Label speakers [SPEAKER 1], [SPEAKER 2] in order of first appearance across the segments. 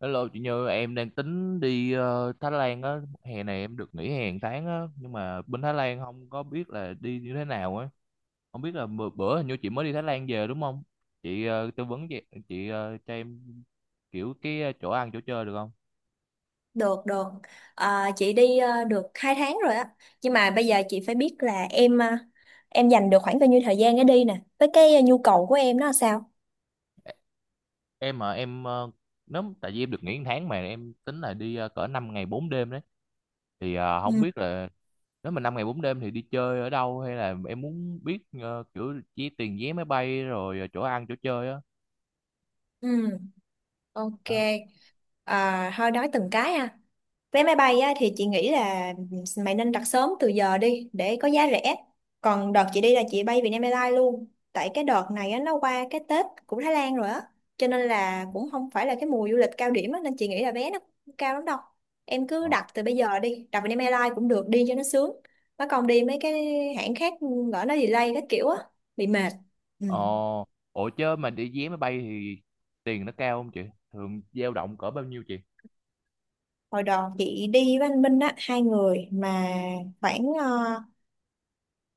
[SPEAKER 1] Hello chị Như, em đang tính đi Thái Lan á, hè này em được nghỉ hè một tháng á, nhưng mà bên Thái Lan không có biết là đi như thế nào á. Không biết là bữa hình như chị mới đi Thái Lan về đúng không? Chị tư vấn chị cho em kiểu cái chỗ ăn chỗ chơi được không?
[SPEAKER 2] Được, được. À, chị đi được 2 tháng rồi á. Nhưng mà bây giờ chị phải biết là em dành được khoảng bao nhiêu thời gian để đi nè. Với nhu cầu của em nó là sao?
[SPEAKER 1] Em mà em nếu tại vì em được nghỉ một tháng mà em tính là đi cỡ 5 ngày 4 đêm đấy, thì không
[SPEAKER 2] Ừ.
[SPEAKER 1] biết là nếu mà 5 ngày 4 đêm thì đi chơi ở đâu, hay là em muốn biết kiểu chi tiền vé máy bay rồi chỗ ăn chỗ chơi á?
[SPEAKER 2] Ừ, ok. À, thôi nói từng cái ha. Vé máy bay á, thì chị nghĩ là mày nên đặt sớm từ giờ đi để có giá rẻ. Còn đợt chị đi là chị bay Vietnam Airlines luôn. Tại cái đợt này á, nó qua cái Tết của Thái Lan rồi á. Cho nên là cũng không phải là cái mùa du lịch cao điểm á, nên chị nghĩ là vé nó không cao lắm đâu. Em cứ
[SPEAKER 1] Ờ.
[SPEAKER 2] đặt từ bây giờ đi, đặt Vietnam Airlines cũng được đi cho nó sướng. Nó còn đi mấy cái hãng khác lỡ nó delay các kiểu á, bị mệt. Ừ.
[SPEAKER 1] Ờ, ủa chứ mà đi vé máy bay thì tiền nó cao không chị? Thường dao động cỡ bao nhiêu chị?
[SPEAKER 2] Hồi đó chị đi với anh Minh á, hai người mà khoảng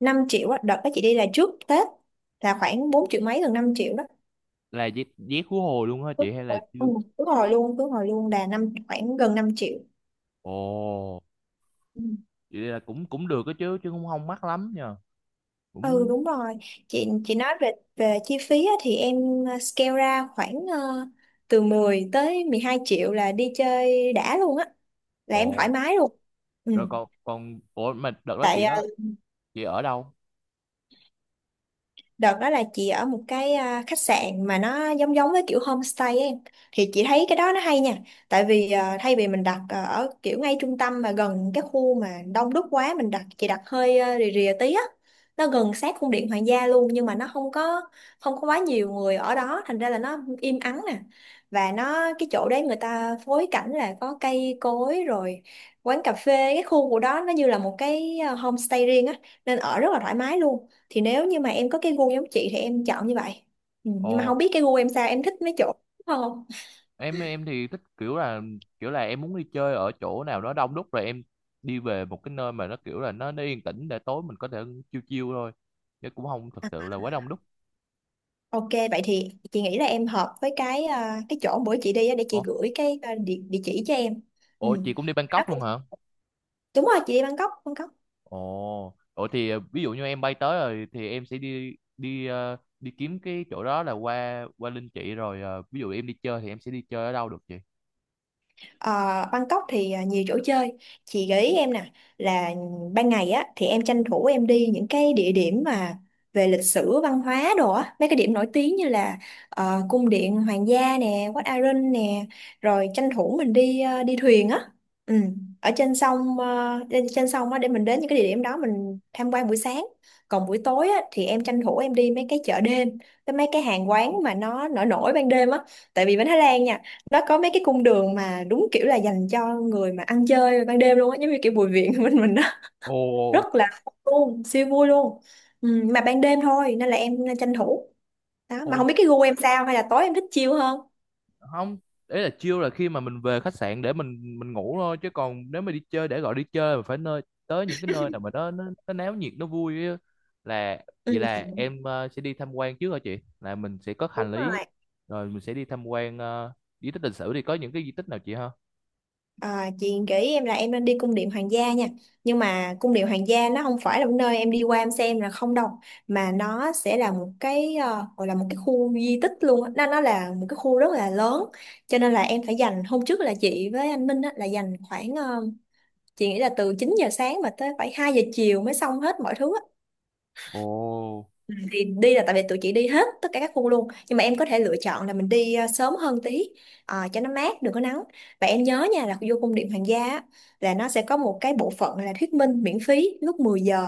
[SPEAKER 2] 5 triệu á, đợt đó chị đi là trước Tết là khoảng 4 triệu mấy gần 5 triệu đó.
[SPEAKER 1] Là vé khứ hồi luôn hả chị
[SPEAKER 2] Đúng
[SPEAKER 1] hay là
[SPEAKER 2] rồi, ừ,
[SPEAKER 1] chưa?
[SPEAKER 2] đúng rồi luôn, cứ hồi luôn là năm khoảng gần năm triệu.
[SPEAKER 1] Ồ,
[SPEAKER 2] Ừ.
[SPEAKER 1] vậy là cũng cũng được đó chứ chứ cũng không mắc lắm nha.
[SPEAKER 2] Ừ
[SPEAKER 1] Cũng.
[SPEAKER 2] đúng rồi. Chị nói về về chi phí á, thì em scale ra khoảng từ 10 tới 12 triệu là đi chơi đã luôn á, là em
[SPEAKER 1] Ồ,
[SPEAKER 2] thoải mái luôn. Ừ.
[SPEAKER 1] rồi còn còn ủa mà đợt đó
[SPEAKER 2] Tại ờ,
[SPEAKER 1] chị ở đâu?
[SPEAKER 2] Đợt đó là chị ở một cái khách sạn mà nó giống giống với kiểu homestay ấy. Thì chị thấy cái đó nó hay nha. Tại vì à, thay vì mình đặt à, ở kiểu ngay trung tâm mà gần cái khu mà đông đúc quá mình đặt chị đặt hơi à, rìa rìa tí á. Nó gần sát cung điện hoàng gia luôn nhưng mà nó không có quá nhiều người ở đó, thành ra là nó im ắng nè. Và nó cái chỗ đấy người ta phối cảnh là có cây cối rồi quán cà phê, cái khu của đó nó như là một cái homestay riêng á, nên ở rất là thoải mái luôn. Thì nếu như mà em có cái gu giống chị thì em chọn như vậy. Ừ, nhưng mà
[SPEAKER 1] Ồ,
[SPEAKER 2] không biết cái gu em sao, em thích mấy chỗ đúng không?
[SPEAKER 1] em thì thích kiểu là em muốn đi chơi ở chỗ nào đó đông đúc, rồi em đi về một cái nơi mà nó kiểu là nó yên tĩnh để tối mình có thể chill chill thôi. Chứ cũng không thật
[SPEAKER 2] À,
[SPEAKER 1] sự là quá đông đúc.
[SPEAKER 2] ok, vậy thì chị nghĩ là em hợp với cái chỗ bữa chị đi á, để chị
[SPEAKER 1] Ồ,
[SPEAKER 2] gửi địa chỉ cho em. Ừ.
[SPEAKER 1] ủa chị cũng đi
[SPEAKER 2] Đó
[SPEAKER 1] Bangkok luôn
[SPEAKER 2] cũng-
[SPEAKER 1] hả?
[SPEAKER 2] đúng rồi, chị đi Bangkok Bangkok
[SPEAKER 1] Ồ, ủa thì ví dụ như em bay tới rồi thì em sẽ đi đi ờ, đi kiếm cái chỗ đó là qua qua Linh chị, rồi ví dụ em đi chơi thì em sẽ đi chơi ở đâu được chị?
[SPEAKER 2] Ờ, Bangkok thì à, nhiều chỗ chơi, chị gợi ý em nè là ban ngày á thì em tranh thủ em đi những cái địa điểm mà về lịch sử văn hóa đồ á, mấy cái điểm nổi tiếng như là cung điện hoàng gia nè, Wat Arun nè, rồi tranh thủ mình đi đi thuyền á. Ừ. Ở trên sông, lên trên sông á để mình đến những cái địa điểm đó mình tham quan buổi sáng. Còn buổi tối á thì em tranh thủ em đi mấy cái chợ đêm, cái mấy cái hàng quán mà nó nổi nổi ban đêm á, tại vì bên Thái Lan nha, nó có mấy cái cung đường mà đúng kiểu là dành cho người mà ăn chơi ban đêm luôn á, giống như kiểu Bùi Viện bên mình đó,
[SPEAKER 1] Ồ,
[SPEAKER 2] rất là vui luôn, siêu vui luôn. Ừ, mà ban đêm thôi nên là em tranh thủ đó. Mà
[SPEAKER 1] ồ,
[SPEAKER 2] không biết cái gu em sao, hay là tối em thích chill hơn.
[SPEAKER 1] không, đấy là chill là khi mà mình về khách sạn để mình ngủ thôi, chứ còn nếu mà đi chơi, để gọi đi chơi mà phải tới những cái nơi nào mà nó náo nhiệt, nó vui á. Là
[SPEAKER 2] Ừ,
[SPEAKER 1] vậy là em sẽ đi tham quan trước hả chị? Là mình sẽ có hành
[SPEAKER 2] đúng
[SPEAKER 1] lý
[SPEAKER 2] rồi.
[SPEAKER 1] rồi mình sẽ đi tham quan di tích lịch sử, thì có những cái di tích nào chị ha?
[SPEAKER 2] À, chị gợi ý em là em nên đi cung điện hoàng gia nha, nhưng mà cung điện hoàng gia nó không phải là một nơi em đi qua em xem là không đâu, mà nó sẽ là một cái gọi là một cái khu di tích luôn á. Nó là một cái khu rất là lớn, cho nên là em phải dành hôm trước là chị với anh Minh á, là dành khoảng chị nghĩ là từ 9 giờ sáng mà tới phải 2 giờ chiều mới xong hết mọi thứ á.
[SPEAKER 1] Ồ.
[SPEAKER 2] Ừ. Thì đi là tại vì tụi chị đi hết tất cả các khu luôn, nhưng mà em có thể lựa chọn là mình đi à, sớm hơn tí, à, cho nó mát đừng có nắng. Và em nhớ nha, là vô cung điện Hoàng gia á, là nó sẽ có một cái bộ phận là thuyết minh miễn phí lúc 10 giờ,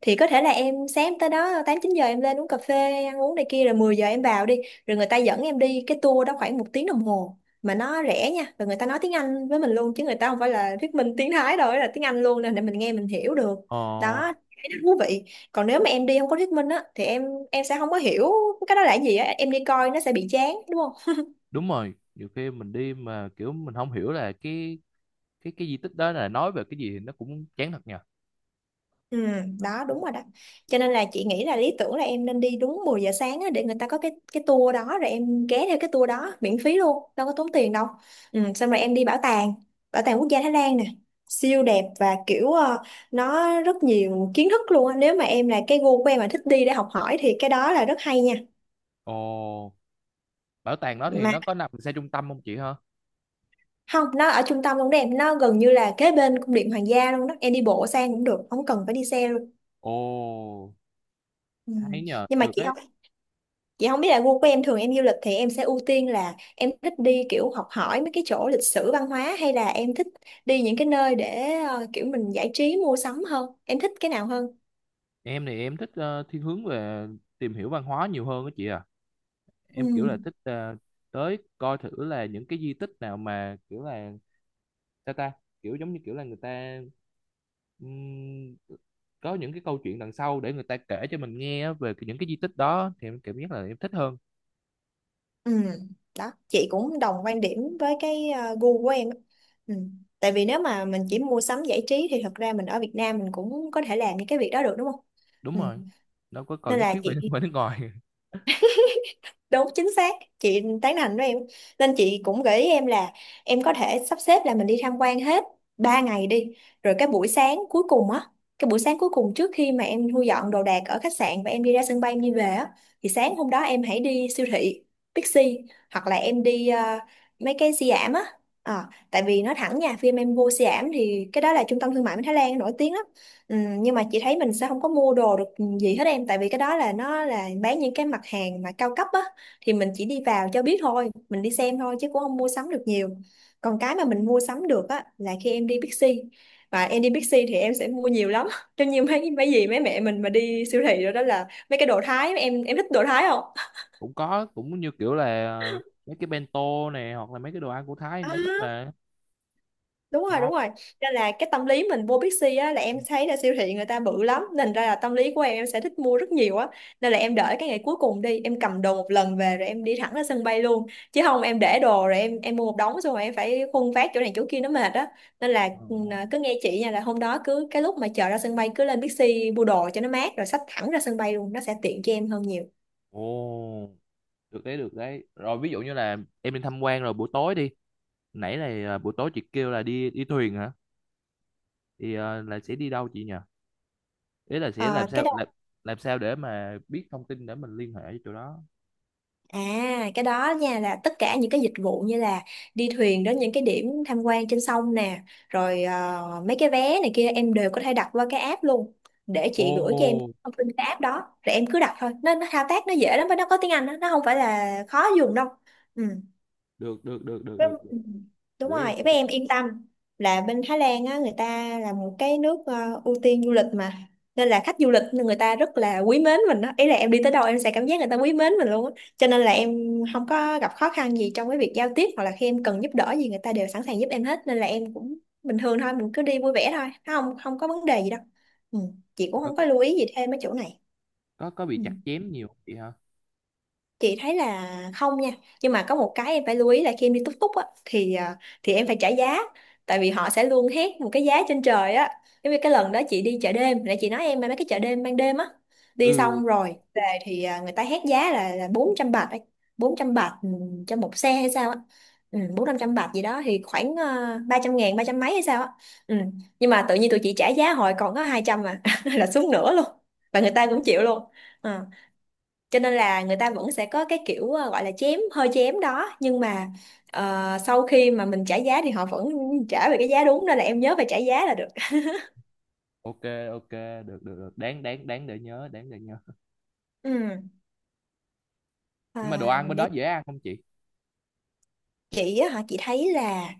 [SPEAKER 2] thì có thể là em sáng tới đó 8 9 giờ em lên uống cà phê ăn uống này kia rồi 10 giờ em vào đi, rồi người ta dẫn em đi cái tour đó khoảng một tiếng đồng hồ mà nó rẻ nha, và người ta nói tiếng Anh với mình luôn chứ người ta không phải là thuyết minh tiếng Thái đâu, là tiếng Anh luôn nên để mình nghe mình hiểu được.
[SPEAKER 1] Ờ.
[SPEAKER 2] Đó, thấy nó thú vị. Còn nếu mà em đi không có thuyết minh á thì em sẽ không có hiểu cái đó là cái gì á, em đi coi nó sẽ bị chán đúng không?
[SPEAKER 1] Đúng rồi, nhiều khi mình đi mà kiểu mình không hiểu là cái di tích đó là nói về cái gì thì nó cũng chán thật nhờ.
[SPEAKER 2] Ừ, đó đúng rồi đó. Cho nên là chị nghĩ là lý tưởng là em nên đi đúng 10 giờ sáng á, để người ta có cái tour đó rồi em ghé theo cái tour đó miễn phí luôn, đâu có tốn tiền đâu. Ừ, xong rồi em đi bảo tàng, bảo tàng quốc gia Thái Lan nè, siêu đẹp và kiểu nó rất nhiều kiến thức luôn á. Nếu mà em là cái gu của em mà thích đi để học hỏi thì cái đó là rất hay nha.
[SPEAKER 1] Ồ, bảo tàng đó thì
[SPEAKER 2] Mà
[SPEAKER 1] nó có nằm xa trung tâm không chị hả?
[SPEAKER 2] không, nó ở trung tâm cũng đẹp, nó gần như là kế bên cung điện hoàng gia luôn đó, em đi bộ sang cũng được, không cần phải đi xe luôn.
[SPEAKER 1] Ồ,
[SPEAKER 2] Ừ.
[SPEAKER 1] hay nhờ,
[SPEAKER 2] Nhưng mà
[SPEAKER 1] được
[SPEAKER 2] chị
[SPEAKER 1] đấy.
[SPEAKER 2] không chị không biết là gu của em thường em du lịch thì em sẽ ưu tiên là em thích đi kiểu học hỏi mấy cái chỗ lịch sử văn hóa, hay là em thích đi những cái nơi để kiểu mình giải trí mua sắm hơn, em thích cái nào hơn?
[SPEAKER 1] Em thì em thích thiên hướng về tìm hiểu văn hóa nhiều hơn đó chị à.
[SPEAKER 2] Ừ.
[SPEAKER 1] Em kiểu là thích tới coi thử là những cái di tích nào mà kiểu là sao ta, kiểu giống như kiểu là người ta ừm, có những cái câu chuyện đằng sau để người ta kể cho mình nghe á về những cái di tích đó thì em cảm giác là em thích hơn.
[SPEAKER 2] Ừ. Đó, chị cũng đồng quan điểm với gu của em á. Ừ. Tại vì nếu mà mình chỉ mua sắm giải trí thì thật ra mình ở Việt Nam mình cũng có thể làm những cái việc đó được đúng không?
[SPEAKER 1] Đúng
[SPEAKER 2] Ừ.
[SPEAKER 1] rồi, đâu có cần
[SPEAKER 2] Nên
[SPEAKER 1] nhất
[SPEAKER 2] là
[SPEAKER 1] thiết phải
[SPEAKER 2] chị-
[SPEAKER 1] phải nước ngoài
[SPEAKER 2] đúng, chính xác, chị tán thành với em. Nên chị cũng gợi ý em là em có thể sắp xếp là mình đi tham quan hết 3 ngày đi, rồi cái buổi sáng cuối cùng á, cái buổi sáng cuối cùng trước khi mà em thu dọn đồ đạc ở khách sạn và em đi ra sân bay em đi về á, thì sáng hôm đó em hãy đi siêu thị Bixi, hoặc là em đi mấy cái Siam giảm á. Ờ, tại vì nói thẳng nha, phim em vô Siam thì cái đó là trung tâm thương mại của Thái Lan nổi tiếng lắm. Ừ, nhưng mà chị thấy mình sẽ không có mua đồ được gì hết em, tại vì cái đó là nó là bán những cái mặt hàng mà cao cấp á, thì mình chỉ đi vào cho biết thôi, mình đi xem thôi chứ cũng không mua sắm được nhiều. Còn cái mà mình mua sắm được á là khi em đi Bixi, và em đi Bixi thì em sẽ mua nhiều lắm trong như mấy mấy gì mấy mẹ mình mà đi siêu thị rồi đó, là mấy cái đồ Thái, em thích đồ Thái không?
[SPEAKER 1] cũng có, cũng như kiểu là mấy cái bento này hoặc là mấy cái đồ ăn của Thái em
[SPEAKER 2] À.
[SPEAKER 1] cũng thích mà.
[SPEAKER 2] Đúng rồi, đúng
[SPEAKER 1] Ngon.
[SPEAKER 2] rồi. Nên là cái tâm lý mình vô Bixi á là em thấy là siêu thị người ta bự lắm nên ra là tâm lý của em sẽ thích mua rất nhiều á. Nên là em đợi cái ngày cuối cùng đi, em cầm đồ một lần về rồi em đi thẳng ra sân bay luôn, chứ không em để đồ rồi em mua một đống xong rồi em phải khuân vác chỗ này chỗ kia nó mệt á. Nên là
[SPEAKER 1] Ờ.
[SPEAKER 2] ừ, à, cứ nghe chị nha, là hôm đó cứ cái lúc mà chờ ra sân bay cứ lên Bixi mua đồ cho nó mát rồi xách thẳng ra sân bay luôn, nó sẽ tiện cho em hơn nhiều.
[SPEAKER 1] Ồ, được đấy, được đấy. Rồi ví dụ như là em đi tham quan rồi buổi tối đi, nãy là buổi tối chị kêu là đi đi thuyền hả? Thì là sẽ đi đâu chị nhỉ? Ý là sẽ
[SPEAKER 2] à, cái
[SPEAKER 1] làm sao để mà biết thông tin để mình liên hệ với chỗ đó.
[SPEAKER 2] À, cái đó nha là tất cả những cái dịch vụ như là đi thuyền đến những cái điểm tham quan trên sông nè, rồi mấy cái vé này kia em đều có thể đặt qua cái app luôn. Để
[SPEAKER 1] Ồ,
[SPEAKER 2] chị gửi cho em thông tin cái app đó, rồi em cứ đặt thôi. Nó thao tác nó dễ lắm và nó có tiếng Anh đó, nó không phải là khó dùng đâu. Ừ.
[SPEAKER 1] được, được, được, được,
[SPEAKER 2] Với-
[SPEAKER 1] được,
[SPEAKER 2] ừ,
[SPEAKER 1] được.
[SPEAKER 2] Đúng
[SPEAKER 1] Gửi
[SPEAKER 2] rồi,
[SPEAKER 1] em, gửi
[SPEAKER 2] với
[SPEAKER 1] em.
[SPEAKER 2] em yên tâm là bên Thái Lan á, người ta là một cái nước ưu tiên du lịch mà, nên là khách du lịch người ta rất là quý mến mình đó. Ý là em đi tới đâu em sẽ cảm giác người ta quý mến mình luôn á, cho nên là em không có gặp khó khăn gì trong cái việc giao tiếp, hoặc là khi em cần giúp đỡ gì người ta đều sẵn sàng giúp em hết, nên là em cũng bình thường thôi, mình cứ đi vui vẻ thôi, không không có vấn đề gì đâu. Ừ. Chị cũng
[SPEAKER 1] Ờ,
[SPEAKER 2] không có lưu ý gì thêm mấy chỗ này.
[SPEAKER 1] có bị
[SPEAKER 2] Ừ,
[SPEAKER 1] chặt chém nhiều không chị hả?
[SPEAKER 2] chị thấy là không nha. Nhưng mà có một cái em phải lưu ý là khi em đi túc túc á thì thì em phải trả giá, tại vì họ sẽ luôn hét một cái giá trên trời á. Giống như cái lần đó chị đi chợ đêm, nãy chị nói em mà, mấy cái chợ đêm ban đêm á, đi
[SPEAKER 1] Ừ.
[SPEAKER 2] xong rồi về thì người ta hét giá là 400 bạc ấy. Bốn trăm bạc, ừ, cho một xe hay sao á. Ừ, 400-500 bạc gì đó thì khoảng 300.000, 300 mấy hay sao á. Ừ. Nhưng mà tự nhiên tụi chị trả giá hồi còn có 200 mà là xuống nửa luôn, và người ta cũng chịu luôn. Ờ, cho nên là người ta vẫn sẽ có cái kiểu gọi là chém, hơi chém đó, nhưng mà sau khi mà mình trả giá thì họ vẫn trả về cái giá đúng, nên là em nhớ phải trả giá là được.
[SPEAKER 1] Ok, ok, được, được, được, đáng đáng đáng để nhớ, đáng để nhớ.
[SPEAKER 2] Ừ.
[SPEAKER 1] Nhưng mà đồ
[SPEAKER 2] À,
[SPEAKER 1] ăn bên đó dễ ăn không chị?
[SPEAKER 2] chị á hả, chị thấy là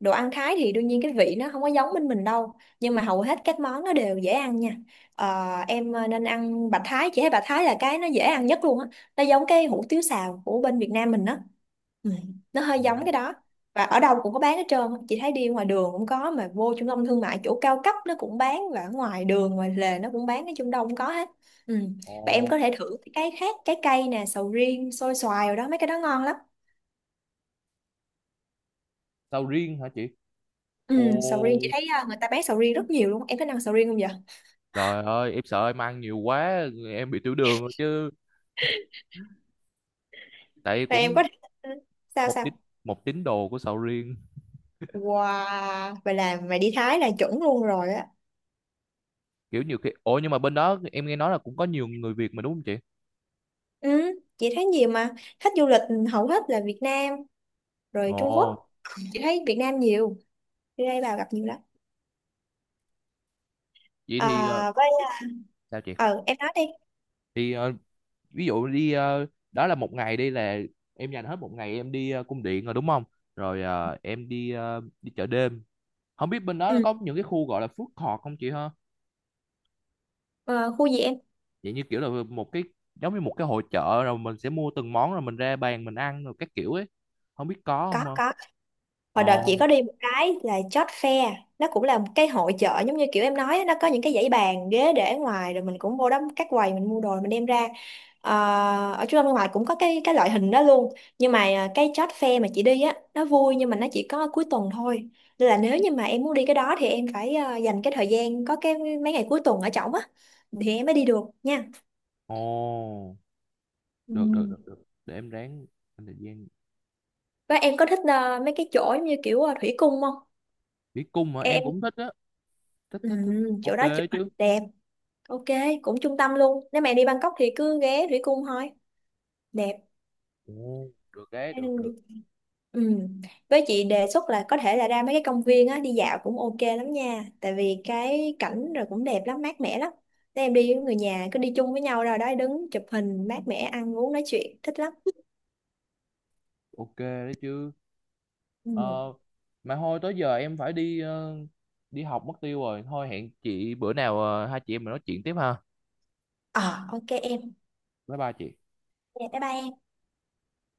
[SPEAKER 2] đồ ăn Thái thì đương nhiên cái vị nó không có giống bên mình đâu, nhưng mà hầu hết các món nó đều dễ ăn nha. Ờ, em nên ăn bạch Thái, chị thấy bạch Thái là cái nó dễ ăn nhất luôn á. Nó giống cái hủ tiếu xào của bên Việt Nam mình á. Ừ, nó hơi giống
[SPEAKER 1] Ồ.
[SPEAKER 2] cái đó, và ở đâu cũng có bán hết trơn á. Chị thấy đi ngoài đường cũng có, mà vô trung tâm thương mại chỗ cao cấp nó cũng bán, và ở ngoài đường ngoài lề nó cũng bán, nói chung đâu cũng có hết. Ừ.
[SPEAKER 1] Ồ,
[SPEAKER 2] Và em có thể thử cái khác, trái cây nè, sầu riêng, xôi xoài rồi đó, mấy cái đó ngon lắm.
[SPEAKER 1] sầu riêng hả chị? Ồ,
[SPEAKER 2] Ừ, sầu riêng chị thấy người ta bán sầu riêng rất nhiều luôn, em có ăn sầu riêng không vậy?
[SPEAKER 1] trời ơi, em sợ em ăn nhiều quá em bị tiểu đường rồi chứ. Tại
[SPEAKER 2] Rồi em
[SPEAKER 1] cũng
[SPEAKER 2] có sao
[SPEAKER 1] một tín
[SPEAKER 2] sao?
[SPEAKER 1] một tín đồ của sầu riêng.
[SPEAKER 2] Wow, vậy là mày đi Thái là chuẩn luôn rồi á.
[SPEAKER 1] Kiểu nhiều khi. Ồ, nhưng mà bên đó em nghe nói là cũng có nhiều người Việt mà đúng không chị?
[SPEAKER 2] Ừ, chị thấy nhiều mà, khách du lịch hầu hết là Việt Nam rồi Trung Quốc.
[SPEAKER 1] Ồ,
[SPEAKER 2] Chị thấy Việt Nam nhiều, đi đây vào gặp nhiều lắm.
[SPEAKER 1] vậy
[SPEAKER 2] À,
[SPEAKER 1] thì
[SPEAKER 2] với
[SPEAKER 1] sao chị?
[SPEAKER 2] ờ em nói đi.
[SPEAKER 1] Thì ví dụ đi đó là một ngày đi là em dành hết một ngày em đi cung điện rồi đúng không? Rồi em đi chợ đêm. Không biết bên đó nó
[SPEAKER 2] Ừ.
[SPEAKER 1] có những cái khu gọi là food court không chị ha?
[SPEAKER 2] Ờ, khu gì em?
[SPEAKER 1] Vậy như kiểu là một cái, giống như một cái hội chợ rồi mình sẽ mua từng món rồi mình ra bàn mình ăn rồi các kiểu ấy. Không biết có
[SPEAKER 2] Có
[SPEAKER 1] không ha?
[SPEAKER 2] có. Hồi
[SPEAKER 1] Ồ.
[SPEAKER 2] đợt chị có đi một cái là chót Fair, nó cũng là một cái hội chợ giống như kiểu em nói á, nó có những cái dãy bàn ghế để ngoài rồi mình cũng vô đó các quầy mình mua đồ mình đem ra. Ờ, ở trung tâm thương mại cũng có cái loại hình đó luôn, nhưng mà cái chót Fair mà chị đi á nó vui, nhưng mà nó chỉ có cuối tuần thôi, nên là nếu như mà em muốn đi cái đó thì em phải dành cái thời gian có cái mấy ngày cuối tuần ở trỏng á thì em mới đi được nha.
[SPEAKER 1] Ồ,
[SPEAKER 2] Ừ.
[SPEAKER 1] được, được, được, được, để em ráng dành thời gian.
[SPEAKER 2] Và em có thích mấy cái chỗ giống như kiểu thủy cung không?
[SPEAKER 1] Đi cung hả? Em
[SPEAKER 2] Em
[SPEAKER 1] cũng thích á. Thích,
[SPEAKER 2] ừ,
[SPEAKER 1] thích, thích.
[SPEAKER 2] chỗ
[SPEAKER 1] Ok
[SPEAKER 2] đó chụp
[SPEAKER 1] chứ.
[SPEAKER 2] hình đẹp. Ok, cũng trung tâm luôn. Nếu mẹ đi Bangkok thì cứ ghé Thủy Cung thôi. Đẹp.
[SPEAKER 1] Ồ, được đấy, được, được.
[SPEAKER 2] Ừ. Với chị đề xuất là có thể là ra mấy cái công viên á, đi dạo cũng ok lắm nha. Tại vì cái cảnh rồi cũng đẹp lắm, mát mẻ lắm. Nếu em đi với người nhà cứ đi chung với nhau rồi đó, đứng chụp hình, mát mẻ, ăn uống nói chuyện thích lắm.
[SPEAKER 1] Ok đấy chứ.
[SPEAKER 2] Ừ.
[SPEAKER 1] Ờ, mà thôi tới giờ em phải đi học mất tiêu rồi. Thôi hẹn chị bữa nào hai chị em mình nói chuyện tiếp ha.
[SPEAKER 2] Ờ ok em.
[SPEAKER 1] Bye bye chị.
[SPEAKER 2] Dạ, bye bye em.